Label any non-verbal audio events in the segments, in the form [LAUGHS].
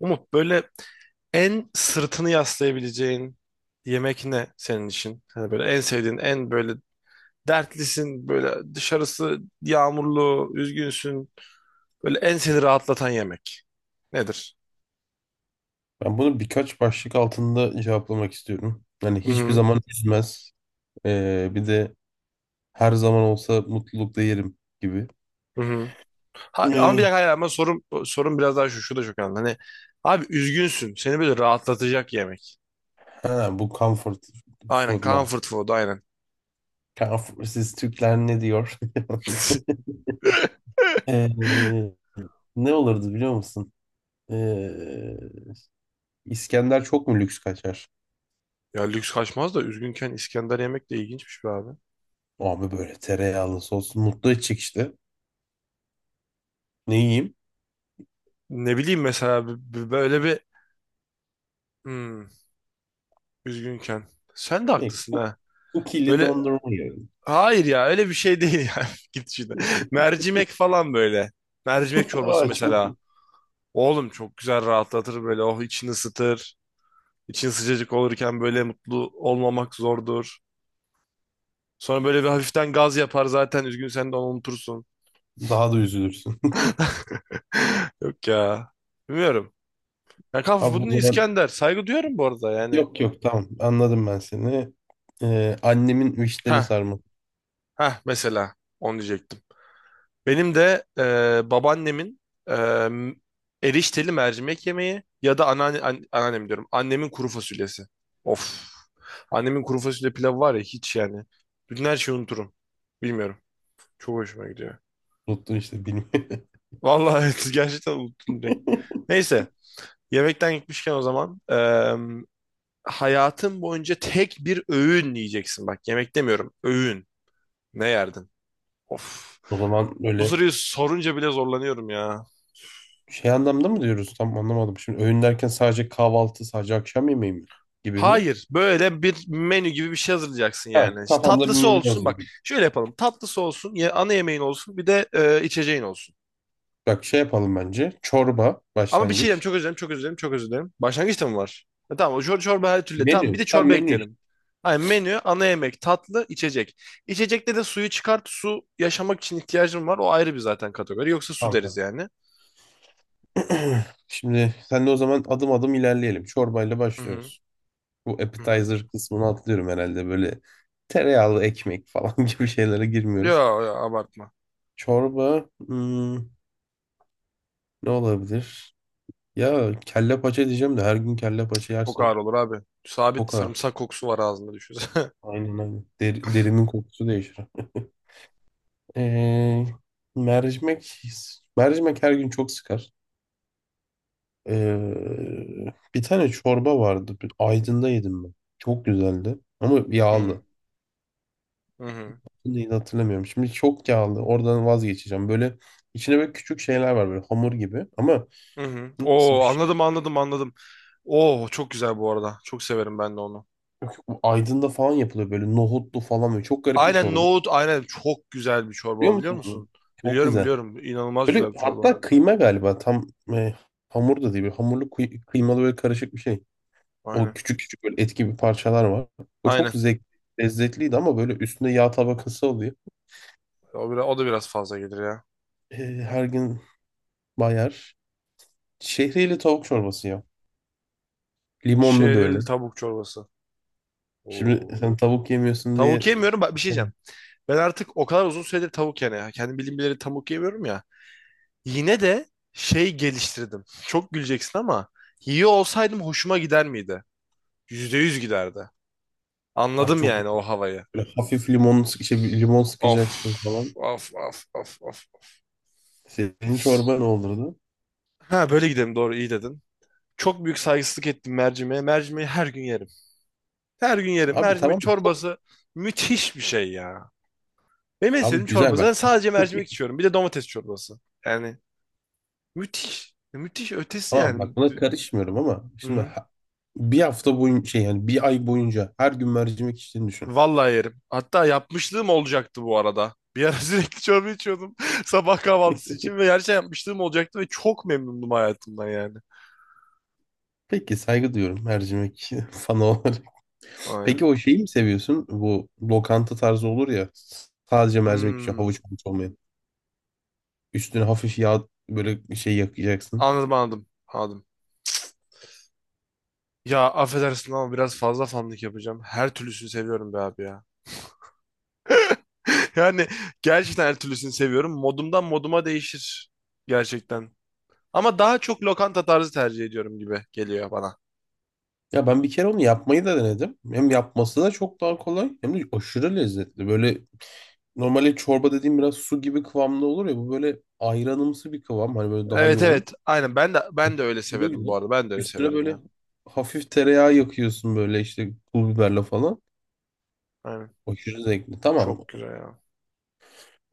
Umut böyle en sırtını yaslayabileceğin yemek ne senin için? Hani böyle en sevdiğin, en böyle dertlisin, böyle dışarısı yağmurlu, üzgünsün. Böyle en seni rahatlatan yemek nedir? Ben bunu birkaç başlık altında cevaplamak istiyorum. Hani Hı hiçbir hı, zaman üzmez. Bir de her zaman olsa mutlulukla yerim gibi. hı hı. Ha, ama bir Ee, dakika hayır ama sorum biraz daha şu da çok önemli. Hani abi üzgünsün, seni böyle rahatlatacak yemek. ha, Bu comfort Aynen, food man. comfort food, aynen. Comfort, siz Türkler ne diyor? [LAUGHS] [LAUGHS] Ee, Ne olurdu biliyor musun? Ee, İskender çok mu lüks kaçar? Ya lüks kaçmaz da üzgünken İskender yemek de ilginçmiş be abi. Abi böyle tereyağlı sos mutlu edecek işte. Ne yiyeyim? Ne bileyim mesela böyle bir... Hmm. Üzgünken. Sen de Ne? haklısın ha. Kukili Böyle dondurma yiyorum. hayır ya öyle bir şey değil ya. [LAUGHS] Git şimdi. Mercimek falan böyle. Mercimek [LAUGHS] çorbası Aa, çok mesela. iyi. Oğlum çok güzel rahatlatır böyle. Oh, içini ısıtır. İçin sıcacık olurken böyle mutlu olmamak zordur. Sonra böyle bir hafiften gaz yapar zaten. Üzgün sen de onu unutursun. Daha da üzülürsün. [LAUGHS] Yok ya. Bilmiyorum. Ya [LAUGHS] kaf Abi o bunu zaman İskender. Saygı duyuyorum bu arada yani. yok yok, tamam, anladım ben seni. Annemin vişneli Ha sarma. ha, mesela. Onu diyecektim. Benim de babaannemin e, erişteli mercimek yemeği ya da anneannem diyorum. Annemin kuru fasulyesi. Of. Annemin kuru fasulye pilavı var ya hiç yani. Bütün her şeyi unuturum. Bilmiyorum. Çok hoşuma gidiyor. Unuttum işte, bilmiyorum. Vallahi evet, [LAUGHS] gerçekten unuttum direkt. [LAUGHS] Neyse. Yemekten gitmişken o zaman hayatın boyunca tek bir öğün yiyeceksin. Bak yemek demiyorum. Öğün. Ne yerdin? Of. O zaman Bu böyle soruyu sorunca bile zorlanıyorum ya. şey anlamda mı diyoruz? Tam anlamadım. Şimdi öğün derken sadece kahvaltı, sadece akşam yemeği mi? Gibi mi? Hayır, böyle bir menü gibi bir şey hazırlayacaksın Evet, yani. İşte kafamda bir tatlısı menü olsun yazıyor. bak. Şöyle yapalım. Tatlısı olsun, ya ana yemeğin olsun, bir de içeceğin olsun. Bak şey yapalım bence. Çorba Ama bir şey diyeyim, başlangıç. çok özür dilerim, çok özür dilerim, çok özür dilerim. Başlangıçta mı var? Tamam, o çorba her türlü. Tamam, bir de Menü. Tam çorba menü işte. ekleyelim. Hayır, menü, ana yemek, tatlı, içecek. İçecekte de suyu çıkart. Su yaşamak için ihtiyacım var. O ayrı bir zaten kategori. Yoksa su Tamam deriz tamam. yani. [CLEARS THROAT] Şimdi sen de o zaman adım adım ilerleyelim. Çorbayla Hı hı. başlıyoruz. Bu Hı hı. appetizer kısmını atlıyorum herhalde. Böyle tereyağlı ekmek falan [LAUGHS] gibi şeylere girmiyoruz. Yo, yo, abartma. Çorba, hmm, ne olabilir? Ya kelle paça diyeceğim de her gün kelle paça Çok ağır yersin. olur abi. Sabit Kokar. sarımsak kokusu var ağzında düşünsene. Aynen aynen. Derimin kokusu değişir. [LAUGHS] Ee, mercimek mercimek her gün çok sıkar. Bir tane çorba vardı. Aydın'da yedim ben. Çok güzeldi. Ama yağlı. [LAUGHS] Hı hı. Neydi hatırlamıyorum. Şimdi çok yağlı. Oradan vazgeçeceğim. Böyle içine böyle küçük şeyler var böyle hamur gibi. Ama Hı hı. nasıl Oo, bir... anladım anladım anladım. Oo, çok güzel bu arada. Çok severim ben de onu. Bu Aydın'da falan yapılıyor böyle nohutlu falan böyle çok garip bir Aynen çorba. nohut, aynen çok güzel bir Biliyor çorba biliyor musun onu? musun? Çok Biliyorum güzel. biliyorum. İnanılmaz Böyle güzel bir çorba. hatta kıyma galiba tam, e, hamur da değil, böyle hamurlu, kıymalı, böyle karışık bir şey. O Aynen. küçük küçük böyle et gibi parçalar var. O çok Aynen. zevk, lezzetliydi ama böyle üstünde yağ tabakası oluyor. O da biraz fazla gelir ya. E, Her gün bayar. Şehriyeli tavuk çorbası ya. Limonlu böyle. Şehriyeli tavuk çorbası. Şimdi Oo. sen tavuk yemiyorsun Tavuk diye yemiyorum. Bak bir şey e, diyeceğim. Ben artık o kadar uzun süredir tavuk yani ya. Kendi bildiğim bileli tavuk yemiyorum ya. Yine de şey geliştirdim. Çok güleceksin ama yiyor olsaydım hoşuma gider miydi? Yüzde yüz giderdi. abi Anladım çok yani o havayı. böyle hafif limon, bir limon sıkacaksın Of, falan. of, of, of, of. Senin çorba ne olurdu? Ha, böyle gidelim, doğru iyi dedin. Çok büyük saygısızlık ettim mercimeğe. Mercimeği her gün yerim. Her gün yerim. Abi Mercimek tamam. çorbası müthiş bir şey ya. Benim en Abi sevdiğim çorba. güzel Zaten bak. sadece mercimek içiyorum. Bir de domates çorbası. Yani müthiş. Müthiş ötesi Tamam yani. bak buna karışmıyorum ama şimdi Hı. Bir hafta boyunca şey, yani bir ay boyunca her gün mercimek içtiğini düşün. Vallahi yerim. Hatta yapmışlığım olacaktı bu arada. Bir ara [LAUGHS] sürekli çorba içiyordum [LAUGHS] sabah kahvaltısı için ve gerçekten yapmışlığım olacaktı ve çok memnundum hayatımdan yani. Peki saygı duyuyorum mercimek [LAUGHS] fanı olarak. Aynen. Peki o şeyi mi seviyorsun? Bu lokanta tarzı olur ya, sadece mercimek için, Hmm. havuç havuç olmayan. Üstüne hafif yağ böyle şey yakacaksın. Anladım anladım. Anladım. Ya affedersin ama biraz fazla fanlık yapacağım. Her türlüsünü seviyorum be abi ya. [LAUGHS] Yani gerçekten her türlüsünü seviyorum. Modumdan moduma değişir. Gerçekten. Ama daha çok lokanta tarzı tercih ediyorum gibi geliyor bana. Ya ben bir kere onu yapmayı da denedim. Hem yapması da çok daha kolay hem de aşırı lezzetli. Böyle normalde çorba dediğim biraz su gibi kıvamda olur ya, bu böyle ayranımsı bir kıvam, hani böyle daha Evet yoğun. evet. Aynen, ben de Bak, ben de öyle kilo severim bu güzel. arada. Ben de öyle Üstüne severim böyle ya. hafif tereyağı yakıyorsun böyle işte pul biberle falan. Aynen. Aşırı zevkli. Çok Tamam. güzel ya.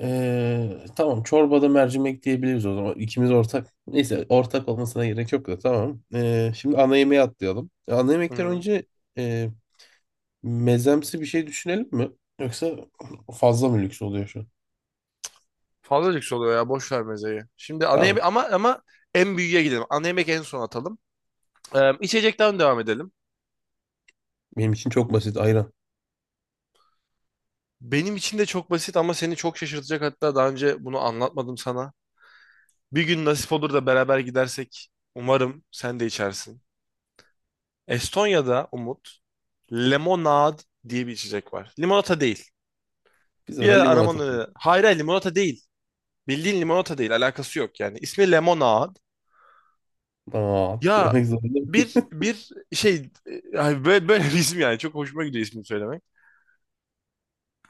Tamam, çorbada mercimek diyebiliriz o zaman. İkimiz ortak. Neyse, ortak olmasına gerek yok da tamam. Şimdi ana yemeğe atlayalım. Ana yemekten Hı-hı. önce e, mezemsi bir şey düşünelim mi? Yoksa fazla mı lüks oluyor şu an? Fazla lüks oluyor ya. Boş ver mezeyi. Şimdi ana Tamam. yemek, ama en büyüğe gidelim. Ana yemek en son atalım. İçecekten devam edelim. Benim için çok basit, ayran. Benim için de çok basit ama seni çok şaşırtacak. Hatta daha önce bunu anlatmadım sana. Bir gün nasip olur da beraber gidersek umarım sen de içersin. Estonya'da Umut, limonad diye bir içecek var. Limonata değil. Biz Bir ona ara limon atalım. aramanı... Hayır, hayır, limonata değil. Bildiğin limonata değil. Alakası yok yani. İsmi limonad. Tamam Ya demek zorunda bir mıyız? bir şey, ay böyle, böyle bir isim yani. Çok hoşuma gidiyor ismini söylemek.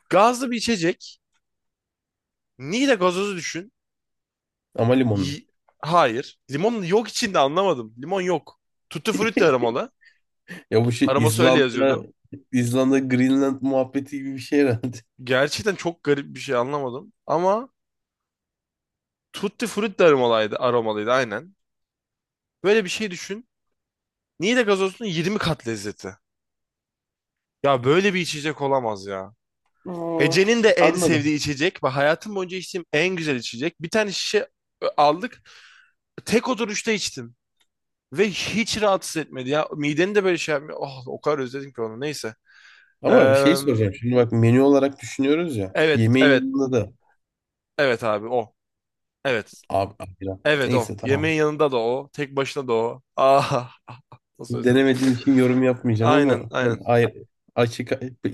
Gazlı bir içecek. Niğde gazozu düşün. [LAUGHS] Ama limonlu. Y- Hayır. Limon yok içinde, anlamadım. Limon yok. Tutti frutti [LAUGHS] aromalı. Ya bu şey Aroması öyle İzlanda, yazıyordu. İzlanda, Greenland muhabbeti gibi bir şey herhalde. Gerçekten çok garip bir şey, anlamadım. Ama Tutti Frutti de aromalıydı, aromalıydı aynen. Böyle bir şey düşün. Niğde gazozunun 20 kat lezzeti. Ya böyle bir içecek olamaz ya. Aa, Ece'nin de en anladım. sevdiği içecek ve hayatım boyunca içtiğim en güzel içecek. Bir tane şişe aldık. Tek oturuşta içtim. Ve hiç rahatsız etmedi ya. Mideni de böyle şey yapmıyor. Oh, o kadar özledim ki onu. Neyse. Ee, Ama şey soracağım. Şimdi bak menü olarak düşünüyoruz ya. evet, Yemeğin evet, yanında da evet abi o. Evet. abi, ayran. Evet Neyse o. tamam. Yemeğin yanında da o. Tek başına da o. Ah. Nasıl özledin? Denemediğim için yorum [LAUGHS] yapmayacağım Aynen ama aynen. ben ay, açık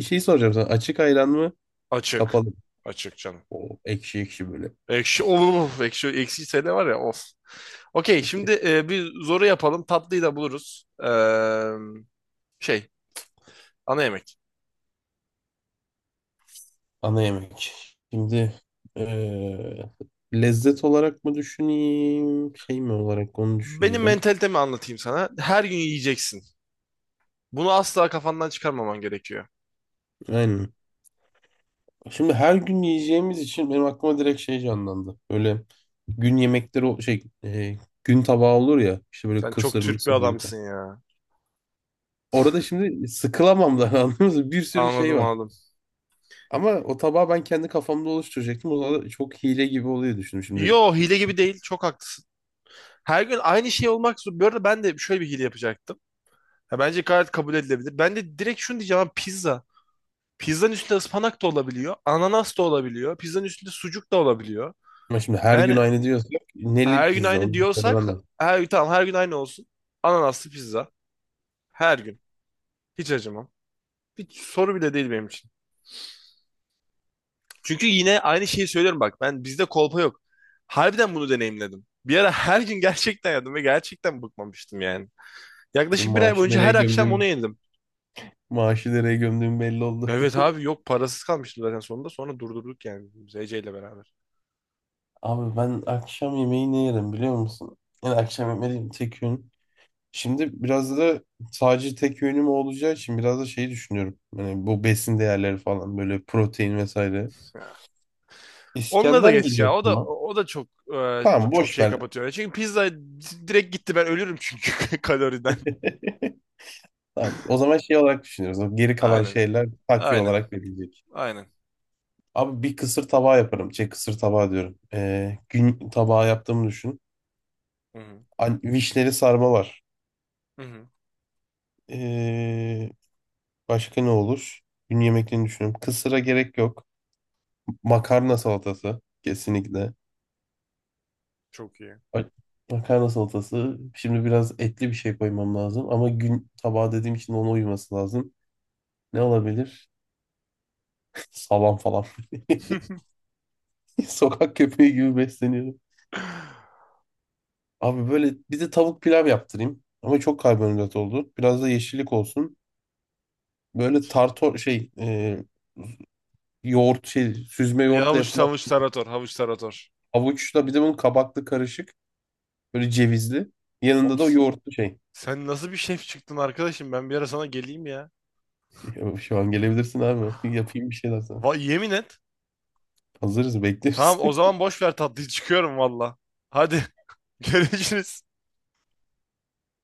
şey soracağım sana. Açık ayran mı? Açık. Kapalı mı? Açık canım. O ekşi ekşi böyle. Ekşi, of, ekşi ekşi sene var ya, of. Okey, şimdi bir zoru yapalım. Tatlıyı da buluruz. Şey, ana yemek. Ana yemek. Şimdi, eee, lezzet olarak mı düşüneyim? Şey mi olarak onu Benim düşünüyorum. mentalitemi anlatayım sana. Her gün yiyeceksin. Bunu asla kafandan çıkarmaman gerekiyor. Aynen. Şimdi her gün yiyeceğimiz için benim aklıma direkt şey canlandı. Böyle gün yemekleri, gün tabağı olur ya işte, böyle Sen çok kısır Türk bir mısır böyle. adamsın ya. Orada şimdi sıkılamam da [LAUGHS] anladınız mı? Bir sürü şey Anladım var. anladım. Ama o tabağı ben kendi kafamda oluşturacaktım. O zaman da çok hile gibi oluyor düşündüm şimdi. Yo, hile gibi değil. Çok haklısın. Her gün aynı şey olmak zor. Bu arada ben de şöyle bir hile yapacaktım. Ya bence gayet kabul edilebilir. Ben de direkt şunu diyeceğim abi, pizza. Pizzanın üstünde ıspanak da olabiliyor. Ananas da olabiliyor. Pizzanın üstünde sucuk da olabiliyor. Ama şimdi her gün Yani aynı diyorsak neli her gün pizza aynı onu diyorsak söylemem lazım. her, tamam, her gün aynı olsun. Ananaslı pizza. Her gün. Hiç acımam. Bir soru bile değil benim için. Çünkü yine aynı şeyi söylüyorum bak. Ben, bizde kolpa yok. Harbiden bunu deneyimledim. Bir ara her gün gerçekten yedim ve gerçekten bıkmamıştım yani. Benim Yaklaşık bir ay maaşı boyunca nereye her akşam onu gömdüğüm, yedim. maaşı nereye gömdüğüm belli oldu. [LAUGHS] Evet abi, yok, parasız kalmıştım zaten sonunda. Sonra durdurduk yani biz Ece ile beraber. Abi ben akşam yemeği ne yerim biliyor musun? Yani akşam yemeği tek öğün. Şimdi biraz da sadece tek yönüm olacağı için biraz da şeyi düşünüyorum. Yani bu besin değerleri falan, böyle protein vesaire. [LAUGHS] Onunla da İskender geç geliyor ya. O da aklıma. o da çok e, Tamam çok boş şey ver. kapatıyor. Yani çünkü pizza direkt gitti, ben ölürüm çünkü [LAUGHS] kaloriden. [LAUGHS] Tamam. O zaman şey olarak düşünüyoruz. O geri kalan Aynen. şeyler takviye Aynen. olarak verilecek. Aynen. Abi bir kısır tabağı yaparım. Şey kısır tabağı diyorum. Gün tabağı yaptığımı düşün. Hı hı. An vişneli sarma var. Hı hı. Ee, Başka ne olur? Gün yemeklerini düşünüyorum. Kısıra gerek yok. Makarna salatası. Kesinlikle. Çok iyi. Bak- Makarna salatası. Şimdi biraz etli bir şey koymam lazım. Ama gün tabağı dediğim için ona uyması lazım. Ne olabilir? [LAUGHS] Salam falan. [LAUGHS] Sokak köpeği gibi besleniyorum. Abi böyle bir de tavuk pilav yaptırayım. Ama çok karbonhidrat oldu. Biraz da yeşillik olsun. Böyle tartor şey, yoğurt şey, süzme Ya yoğurtla havuç yapılan havuç tarator, havuç tarator. havuçla, bir de bunun kabaklı karışık. Böyle cevizli. Oğlum, Yanında da yoğurtlu şey. sen nasıl bir şef çıktın arkadaşım? Ben bir ara sana geleyim ya. [LAUGHS] Şu an gelebilirsin abi. [LAUGHS] Yapayım bir şeyler sana. Va yemin et. Hazırız, bekleriz. Tamam, o [LAUGHS] zaman boş ver tatlıyı, çıkıyorum valla. Hadi [LAUGHS] görüşürüz.